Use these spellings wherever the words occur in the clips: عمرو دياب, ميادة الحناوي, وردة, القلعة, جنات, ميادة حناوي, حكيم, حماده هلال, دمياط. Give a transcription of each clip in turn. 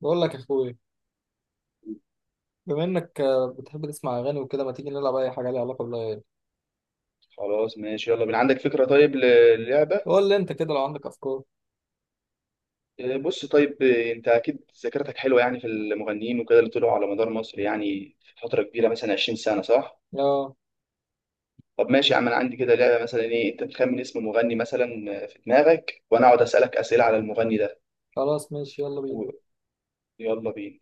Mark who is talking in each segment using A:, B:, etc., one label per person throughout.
A: بقول لك يا اخويا، بما انك بتحب تسمع اغاني وكده. ما تيجي نلعب اي حاجه ليها علاقه بالاغاني؟
B: خلاص ماشي يلا بينا. عندك فكرة طيب للعبة؟
A: قول لي انت كده لو عندك افكار.
B: بص طيب، انت اكيد ذاكرتك حلوة يعني في المغنيين وكده اللي طلعوا على مدار مصر، يعني في فترة كبيرة مثلا 20 سنة صح؟
A: اه،
B: طب ماشي يا عم، انا عندي كده لعبة، مثلا ايه، انت تخمن اسم مغني مثلا في دماغك، وانا اقعد اسألك اسئلة على المغني ده.
A: خلاص ماشي، يلا بينا.
B: و- يلا بينا.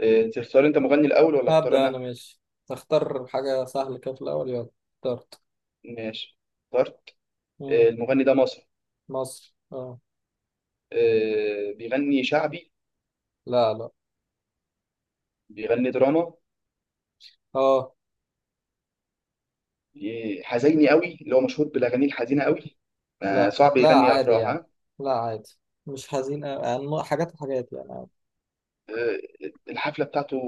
B: تختار انت مغني الاول ولا اختار
A: هبدا انا،
B: انا؟
A: ماشي. اختار حاجه سهله كده في الاول، يلا. اخترت.
B: ماشي، اخترت.
A: مم.
B: المغني ده مصري.
A: مصر، اه.
B: بيغني شعبي؟
A: لا، لا.
B: بيغني دراما؟
A: اه.
B: حزيني قوي اللي هو مشهور بالاغاني الحزينه قوي.
A: لا،
B: صعب
A: لا،
B: يغني
A: عادي
B: افراح،
A: يعني. لا، عادي. مش حزين أوي. يعني حاجات وحاجات يعني.
B: الحفله بتاعته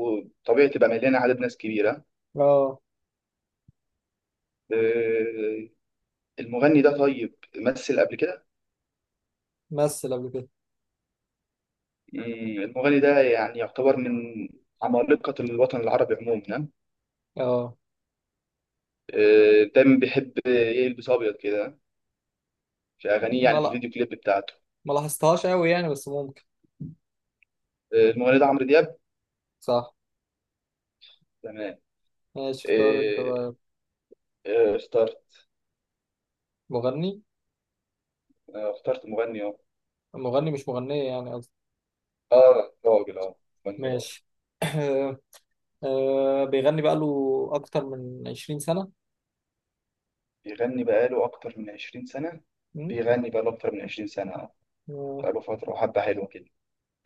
B: طبيعي تبقى مليانه عدد ناس كبيره.
A: اه.
B: آه، المغني ده طيب مثل قبل كده؟
A: مثل قبل كده.
B: مم، المغني ده يعني يعتبر من عمالقه الوطن العربي عموما.
A: اه.
B: دايما بيحب يلبس ابيض كده في اغانيه،
A: ما،
B: يعني في
A: لا.
B: الفيديو كليب بتاعته.
A: ما لاحظتهاش قوي يعني، بس ممكن.
B: المغني ده عمرو دياب.
A: صح.
B: تمام.
A: ماشي، اختار انت
B: آه،
A: بقى.
B: اخترت.
A: مغني.
B: اخترت مغني، اه.
A: مغني، مش مغنية يعني.
B: راجل، اه، مغني راجل.
A: ماشي آه، بيغني بقاله أكتر من 20 سنة.
B: بيغني بقاله أكتر من 20 سنة.
A: مم.
B: بيغني بقاله أكتر من 20 سنة.
A: آه،
B: بقاله فترة وحبة حلوة كده.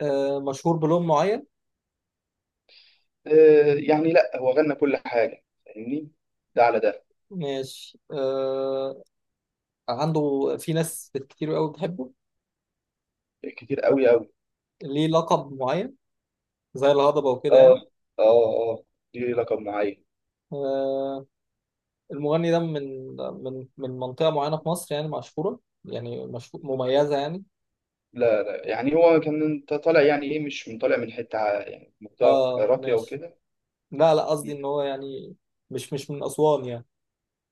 A: مشهور بلون معين.
B: آه يعني لأ، هو غنى كل حاجة فاهمني، ده على ده.
A: ماشي. عنده في ناس كتير قوي بتحبه.
B: كتير أوي أوي.
A: ليه لقب معين زي الهضبة وكده يعني؟
B: آه آه آه دي لقب معين.
A: آه، المغني ده من منطقة معينة في مصر، يعني مشهورة. يعني مشهور، مميزة يعني.
B: لا لا، يعني هو كان، انت طالع يعني إيه، مش من، طالع من حتة يعني منطقة
A: اه،
B: راقية
A: ماشي.
B: وكده.
A: لا، لا، قصدي
B: م.
A: ان هو يعني. مش من أسوان يعني.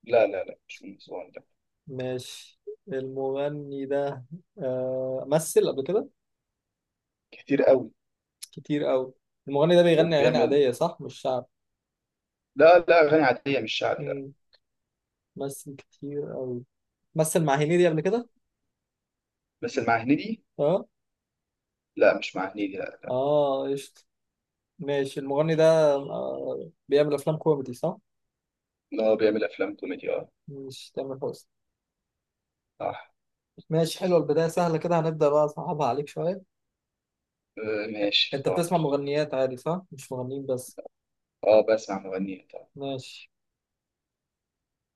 B: لا لا لا، مش من أسوان ده.
A: ماشي. المغني ده. مثل قبل كده.
B: كتير أوي.
A: كتير قوي. المغني ده بيغني اغاني
B: وبيعمل،
A: عاديه، صح؟ مش شعب؟
B: لا لا، أغاني عادية مش شعبي، لا.
A: امم مثل كتير قوي. مثل مع هنيدي قبل كده.
B: بس اللي مع هنيدي،
A: اه.
B: لا مش مع هنيدي لا.
A: اه، قشطة. ماشي، المغني ده. بيعمل افلام كوميدي، صح؟
B: لا بيعمل أفلام كوميدي آه،
A: مش تامر حسني؟
B: صح.
A: ماشي، حلوه. البدايه سهله كده، هنبدا بقى اصعبها عليك شويه.
B: ماشي
A: انت
B: طبعا.
A: بتسمع مغنيات عادي، صح؟ مش مغنيين بس.
B: اه، بسمع مغنية طبعا.
A: ماشي.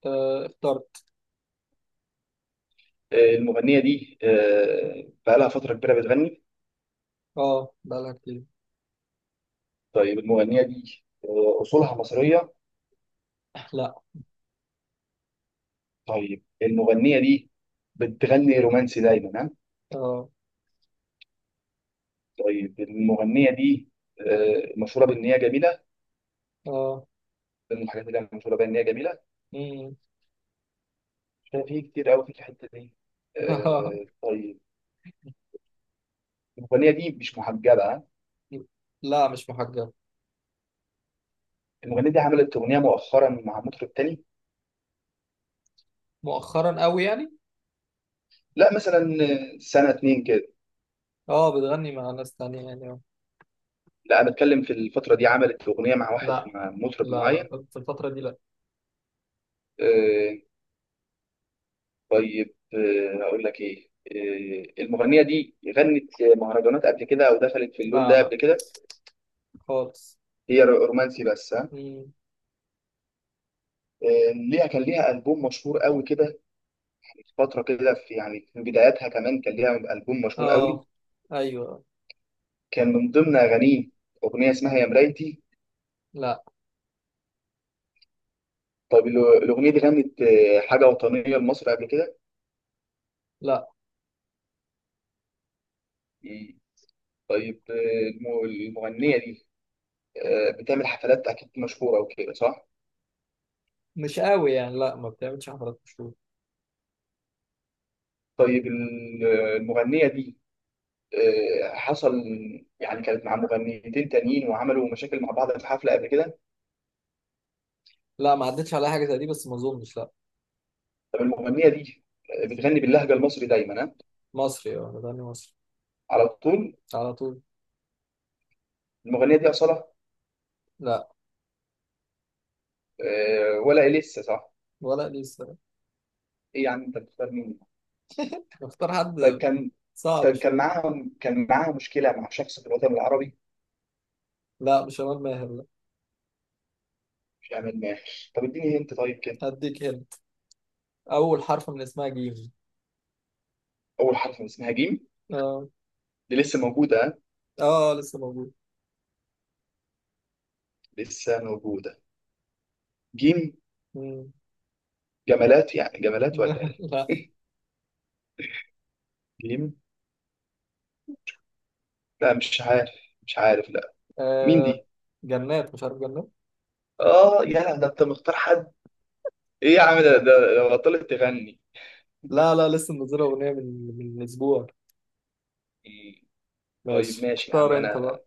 A: اخترت.
B: المغنية دي، بقالها فترة كبيرة بتغني.
A: اه، بقالها كتير.
B: طيب المغنية دي أصولها مصرية؟
A: لا.
B: طيب المغنية دي بتغني رومانسي دايما، ها؟
A: اه.
B: طيب المغنية دي مشهورة بإن هي جميلة.
A: اه.
B: ده من الحاجات اللي هي مشهورة بإن هي جميلة.
A: امم.
B: شايف في كتير قوي في الحتة دي. طيب، المغنية دي مش محجبة، ها؟
A: لا، مش محجبه.
B: المغنية دي عملت أغنية مؤخرا مع مطرب تاني.
A: مؤخرا قوي يعني؟
B: لا مثلا، سنة اتنين كده.
A: اه، بتغني مع ناس تانية يعني؟
B: لا انا بتكلم في الفتره دي، عملت اغنيه مع واحد،
A: لا،
B: مع مطرب
A: لا، لا.
B: معين.
A: في الفترة دي، لا.
B: آه، اقول لك ايه، المغنيه دي غنت مهرجانات قبل كده، او دخلت في اللون
A: لا،
B: ده
A: لا.
B: قبل كده؟
A: خالص.
B: هي رومانسي بس، ها؟
A: مم.
B: ليها، كان ليها البوم مشهور قوي كده، فتره كده، في يعني في بداياتها كمان كان ليها البوم مشهور
A: اه.
B: قوي.
A: ايوه.
B: كان من ضمن اغانيه اغنيه اسمها يا مرايتي.
A: لا.
B: طيب الاغنيه دي غنت حاجه وطنيه لمصر قبل كده؟
A: لا.
B: طيب المغنيه دي بتعمل حفلات اكيد مشهوره وكده، صح؟
A: مش قوي يعني، لا، ما بتعملش حفلات مشهورة.
B: طيب المغنيه دي حصل يعني، كانت مع مغنيتين تانيين وعملوا مشاكل مع بعض في حفله قبل كده؟
A: لا، ما عدتش على حاجة زي دي، بس ما اظنش، لا.
B: طب المغنيه دي بتغني باللهجه المصري دايما، ها؟
A: مصري، اه، انا بغني مصري.
B: على طول؟
A: على طول.
B: المغنيه دي اصلا،
A: لا.
B: ولا إيه، لسه صح؟
A: ولا لسه.
B: ايه يعني، انت بتختار مين؟
A: نختار
B: طيب
A: حد.
B: كان،
A: صعب
B: طيب كان
A: شوية.
B: معاها، كان معاها مشكله مع شخص في الوطن العربي؟
A: لا، مش شمال ماهر، لا.
B: مش عامل ما، طب اديني انت طيب كده.
A: هديك هنت. أول حرف من اسمها جيم.
B: اول حرف من اسمها جيم.
A: اه.
B: دي لسه موجوده ها؟
A: اه، لسه موجود.
B: لسه موجوده. جيم.
A: مم.
B: جمالات، يعني جمالات ولا ايه؟
A: لا.
B: جيم، لا مش عارف، مش عارف لا. مين
A: آه.
B: دي؟
A: جنات؟ مش عارف، جنات.
B: اه يا ده، انت مختار حد، ايه يا عم ده؟ ده لو بطلت تغني.
A: لا، لا، لسه منزلة أغنية من أسبوع.
B: إيه، طيب
A: ماشي،
B: ماشي يا عم،
A: اختار انت
B: انا
A: بقى.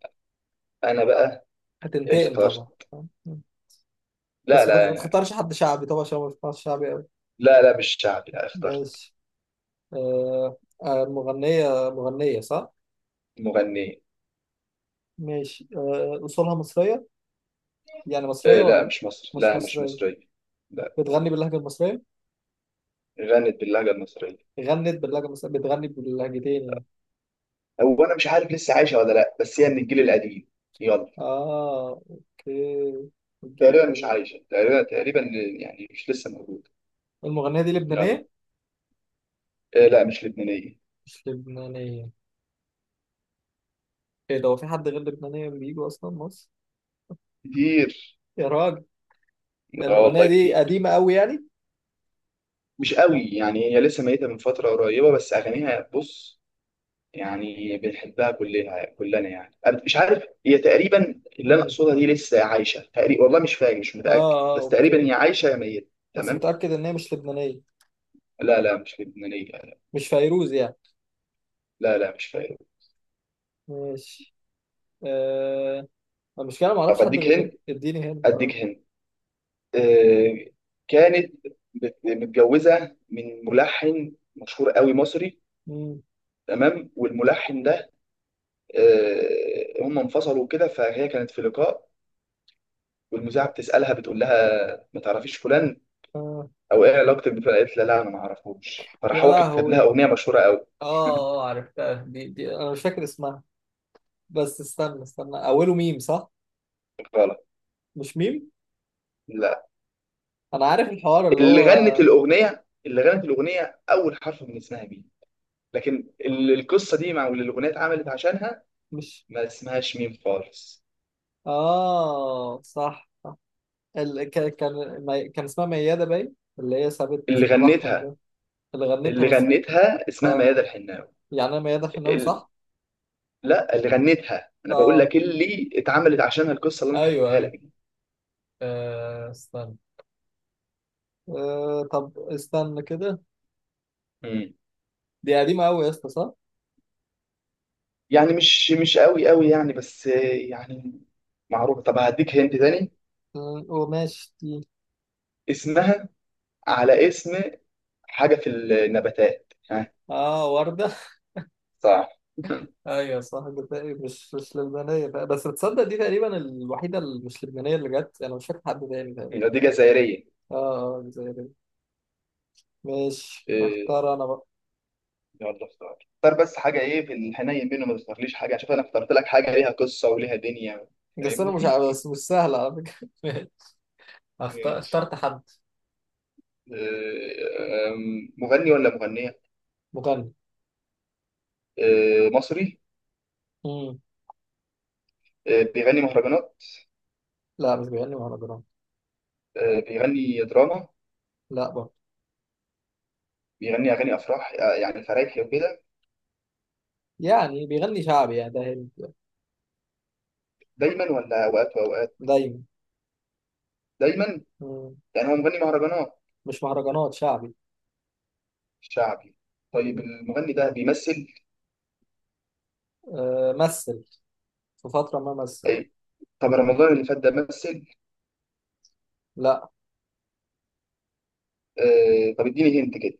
B: انا بقى
A: هتنتقم طبعا.
B: اخترت. لا
A: بس ما
B: لا.
A: تختارش حد شعبي طبعا، عشان ما بسمعش شعبي قوي.
B: لا لا مش شعبي لا، اخترت.
A: ماشي. آه مغنية صح؟
B: مغنية.
A: ماشي. أصولها مصرية؟ يعني مصرية،
B: لا
A: ولا؟
B: مش مصر
A: مش
B: لا، مش
A: مصرية؟
B: مصرية. لا.
A: بتغني باللهجة المصرية؟
B: غنت باللهجة المصرية.
A: غنت باللهجة المصرية؟ بتغني باللهجتين يعني؟
B: هو انا مش عارف لسه عايشة ولا لا، بس هي من الجيل القديم. يلا،
A: أوكي. الجيل
B: تقريبا مش
A: القديم.
B: عايشة، تقريبا، تقريبا، يعني مش لسه موجودة.
A: المغنية دي
B: يلا.
A: لبنانية؟
B: لا مش لبنانية.
A: مش لبنانية. إيه ده؟ هو في حد غير لبنانية بيجوا أصلا مصر؟
B: كتير.
A: يا راجل.
B: اه
A: المغنية
B: والله
A: دي
B: كتير.
A: قديمة قوي يعني؟
B: مش قوي يعني، هي لسه ميتة من فترة قريبة بس أغانيها بص، يعني بنحبها كلنا كلنا، يعني أنا مش عارف، هي تقريبا اللي أنا
A: مم.
B: أقصدها دي لسه عايشة تقريبا، والله مش فاكر، مش متأكد،
A: اه، اه،
B: بس تقريبا هي
A: اوكي.
B: عايشة يا ميتة.
A: بس
B: تمام.
A: متأكد ان هي مش لبنانية؟
B: لا لا مش لبنانية لا.
A: مش فيروز يعني؟
B: لا لا، مش فاكر.
A: ماشي. آه المشكلة ما
B: طب
A: اعرفش حد،
B: أديك
A: غير
B: هند،
A: اديني هنت،
B: أديك
A: اه.
B: هند. آه، كانت متجوزة من ملحن مشهور قوي مصري.
A: مم.
B: تمام. والملحن ده هم انفصلوا كده، فهي كانت في لقاء والمذيعه بتسالها، بتقول لها ما تعرفيش فلان
A: آه.
B: او ايه علاقتك بفلان؟ قالت لها لا انا ما اعرفوش. فراح
A: يا
B: هو كتب لها
A: لهوي.
B: اغنيه مشهوره قوي.
A: اه، اه، عرفتها. دي انا مش فاكر اسمها. بس استنى استنى، اوله ميم، صح؟
B: غلط.
A: مش ميم؟
B: لا،
A: انا عارف الحوار اللي
B: اللي
A: هو.
B: غنت الاغنيه اللي غنت الاغنيه اول حرف من اسمها مين، لكن القصه دي مع، واللي الاغنيه اتعملت عشانها
A: مش.
B: ما اسمهاش ميم خالص.
A: اه، صح. ال... ك... كان مي... كان اسمها ميادة باين، اللي هي سابت
B: اللي
A: الملحن
B: غنتها،
A: ده. اللي غنتها
B: اللي
A: بس.
B: غنتها اسمها
A: اه.
B: ميادة الحناوي.
A: يعني انا، ميادة حناوي،
B: ال...
A: صح؟
B: لا، اللي غنتها، انا بقول
A: اه،
B: لك اللي اتعملت عشانها القصه اللي انا
A: ايوه،
B: حكيتها
A: ايوه.
B: لك
A: استنى. طب استنى كده.
B: دي.
A: دي قديمة أوي يا اسطى، صح؟
B: يعني مش مش قوي قوي يعني، بس يعني معروف. طب هديك هنت تاني.
A: وماشي دي.
B: اسمها على اسم حاجة في النباتات، ها؟
A: اه، وردة
B: صح.
A: ايوه، صح، جزائري، مش لبنانية بقى. بس بتصدق، دي تقريبا الوحيدة اللي مش لبنانية اللي جت، أنا مش فاكر حد تاني تقريبا.
B: دي جزائرية.
A: اه. اه، جزائري. ماشي،
B: إيه،
A: هختار أنا بقى.
B: يلا اختار، اختار بس حاجة، ايه في الحنين منه، ما تختارليش حاجة، شوف انا اخترت لك حاجة ليها قصة وليها دنيا،
A: بس أنا مش
B: فاهمني.
A: عارف، بس مش سهلة على فكرة ماشي. هختار.
B: ماشي.
A: اخترت حد.
B: إيه، أم، مغني ولا مغنية؟
A: مغني.
B: مصري؟
A: مم.
B: بيغني مهرجانات؟
A: لا، مش بيغني مهرجانات.
B: بيغني دراما؟
A: لا برضه.
B: بيغني اغاني افراح، يعني فرايحي وكده؟
A: يعني بيغني شعبي يعني؟ ده هند.
B: دايما ولا اوقات واوقات؟
A: دايما.
B: دايما.
A: مم.
B: يعني هو مغني مهرجانات.
A: مش مهرجانات، شعبي.
B: شعبي. طيب المغني ده بيمثل؟
A: مثل. في فترة ما مثل، آه.
B: أي. طب رمضان اللي فات ده مثل؟
A: لا.
B: آه طب اديني هنت كده.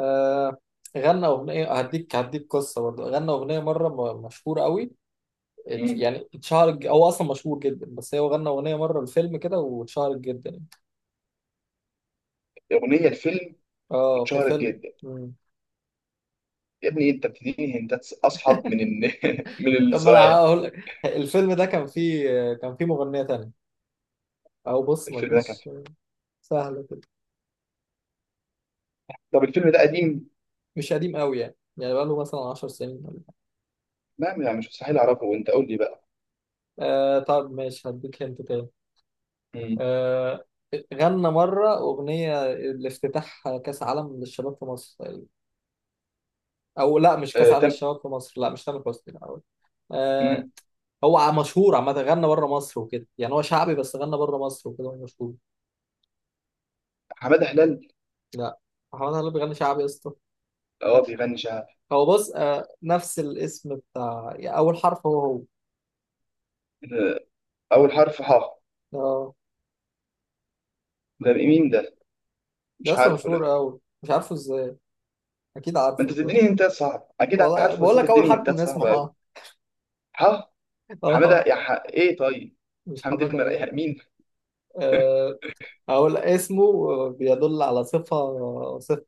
A: آه، غنى أغنية. هديك قصة. برضه غنى أغنية مرة مشهور قوي.
B: مم.
A: يعني اتشهر. هو أصلا مشهور جدا، بس هو غنى أغنية مرة الفيلم كده واتشهرت جدا يعني.
B: اغنيه الفيلم
A: اه، في
B: اتشهرت
A: فيلم.
B: جدا.
A: مم.
B: يا ابني انت بتديني هنتات اصعب من من
A: طب ما أنا
B: السؤال.
A: هقول لك. الفيلم ده كان فيه. كان فيه مغنية تانية. أو بص،
B: الفيلم ده كان
A: مفيش.
B: فيه.
A: سهلة كده.
B: طب الفيلم ده قديم؟
A: مش قديم قوي يعني بقاله مثلا 10 سنين ولا حاجة.
B: ما يعني مش مستحيل اعرفه، وانت قول لي بقى.
A: طب ماشي، هديك هنت تاني.
B: مم.
A: آه، غنى مرة أغنية لافتتاح كأس عالم للشباب في مصر. أو لا، مش كأس
B: آه
A: عالم
B: تم.
A: للشباب في مصر، لا، مش تامر حسني، لا هو. آه،
B: مم.
A: هو مشهور عامة. غنى بره مصر وكده، يعني هو شعبي، بس غنى بره مصر وكده هو مشهور.
B: حماده هلال؟
A: لا. محمد هلال بيغني شعبي يا اسطى.
B: اه بيغني شعبي.
A: هو بص. نفس الاسم بتاع يعني، أول حرف هو.
B: آه، اول حرف ح.
A: اه،
B: ده مين ده؟
A: ده
B: مش
A: اسم
B: عارفه لا.
A: مشهور أوي، مش عارفه ازاي. أكيد
B: ما انت
A: عارفه
B: بتديني
A: كده.
B: هنتات صعب، اكيد
A: والله
B: عارفه، بس
A: بقول
B: انت
A: لك، أول
B: بتديني
A: حرف
B: هنتات
A: من اسمه،
B: صعبه قوي.
A: اه.
B: ها. حماده،
A: آه،
B: يا ايه طيب،
A: مش
B: حمد
A: حمادة.
B: يعني مين؟
A: هلال. أقول اسمه بيدل على صفة، صفة.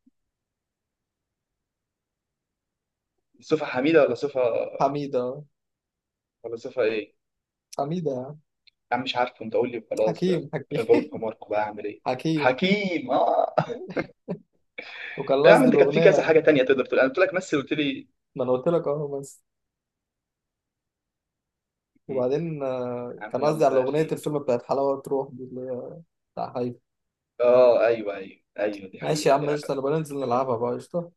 B: صفه حميده ولا صفه،
A: حميدة.
B: ولا صفه ايه؟
A: حميدة.
B: يا عم مش عارفه، انت قول لي خلاص بقى.
A: حكيم، حكيم.
B: غلب حماركم بقى اعمل ايه؟
A: حكيم.
B: حكيم، اه.
A: وكان
B: يا عم
A: قصدي
B: انت كان في كذا
A: الأغنية.
B: حاجه تانية تقدر تقول، انا قلت لك مثل قلت لي.
A: ما أنا قلت لك أهو، بس.
B: يا
A: وبعدين،
B: عم
A: كان قصدي
B: يلا
A: على
B: بقى،
A: أغنية
B: خير.
A: الفيلم بتاعت حلاوة تروح، دي اللي هي. بتاع حي.
B: اه ايوه ايوه ايوه، دي
A: ماشي يا
B: حقيقه
A: عم، قشطة. أنا
B: فعلا،
A: بننزل
B: دي حقيقه.
A: نلعبها بقى، قشطة.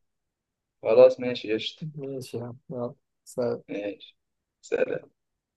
B: خلاص ماشي قشطه.
A: ماشي يا عم، يلا. سلام.
B: ماشي. سلام.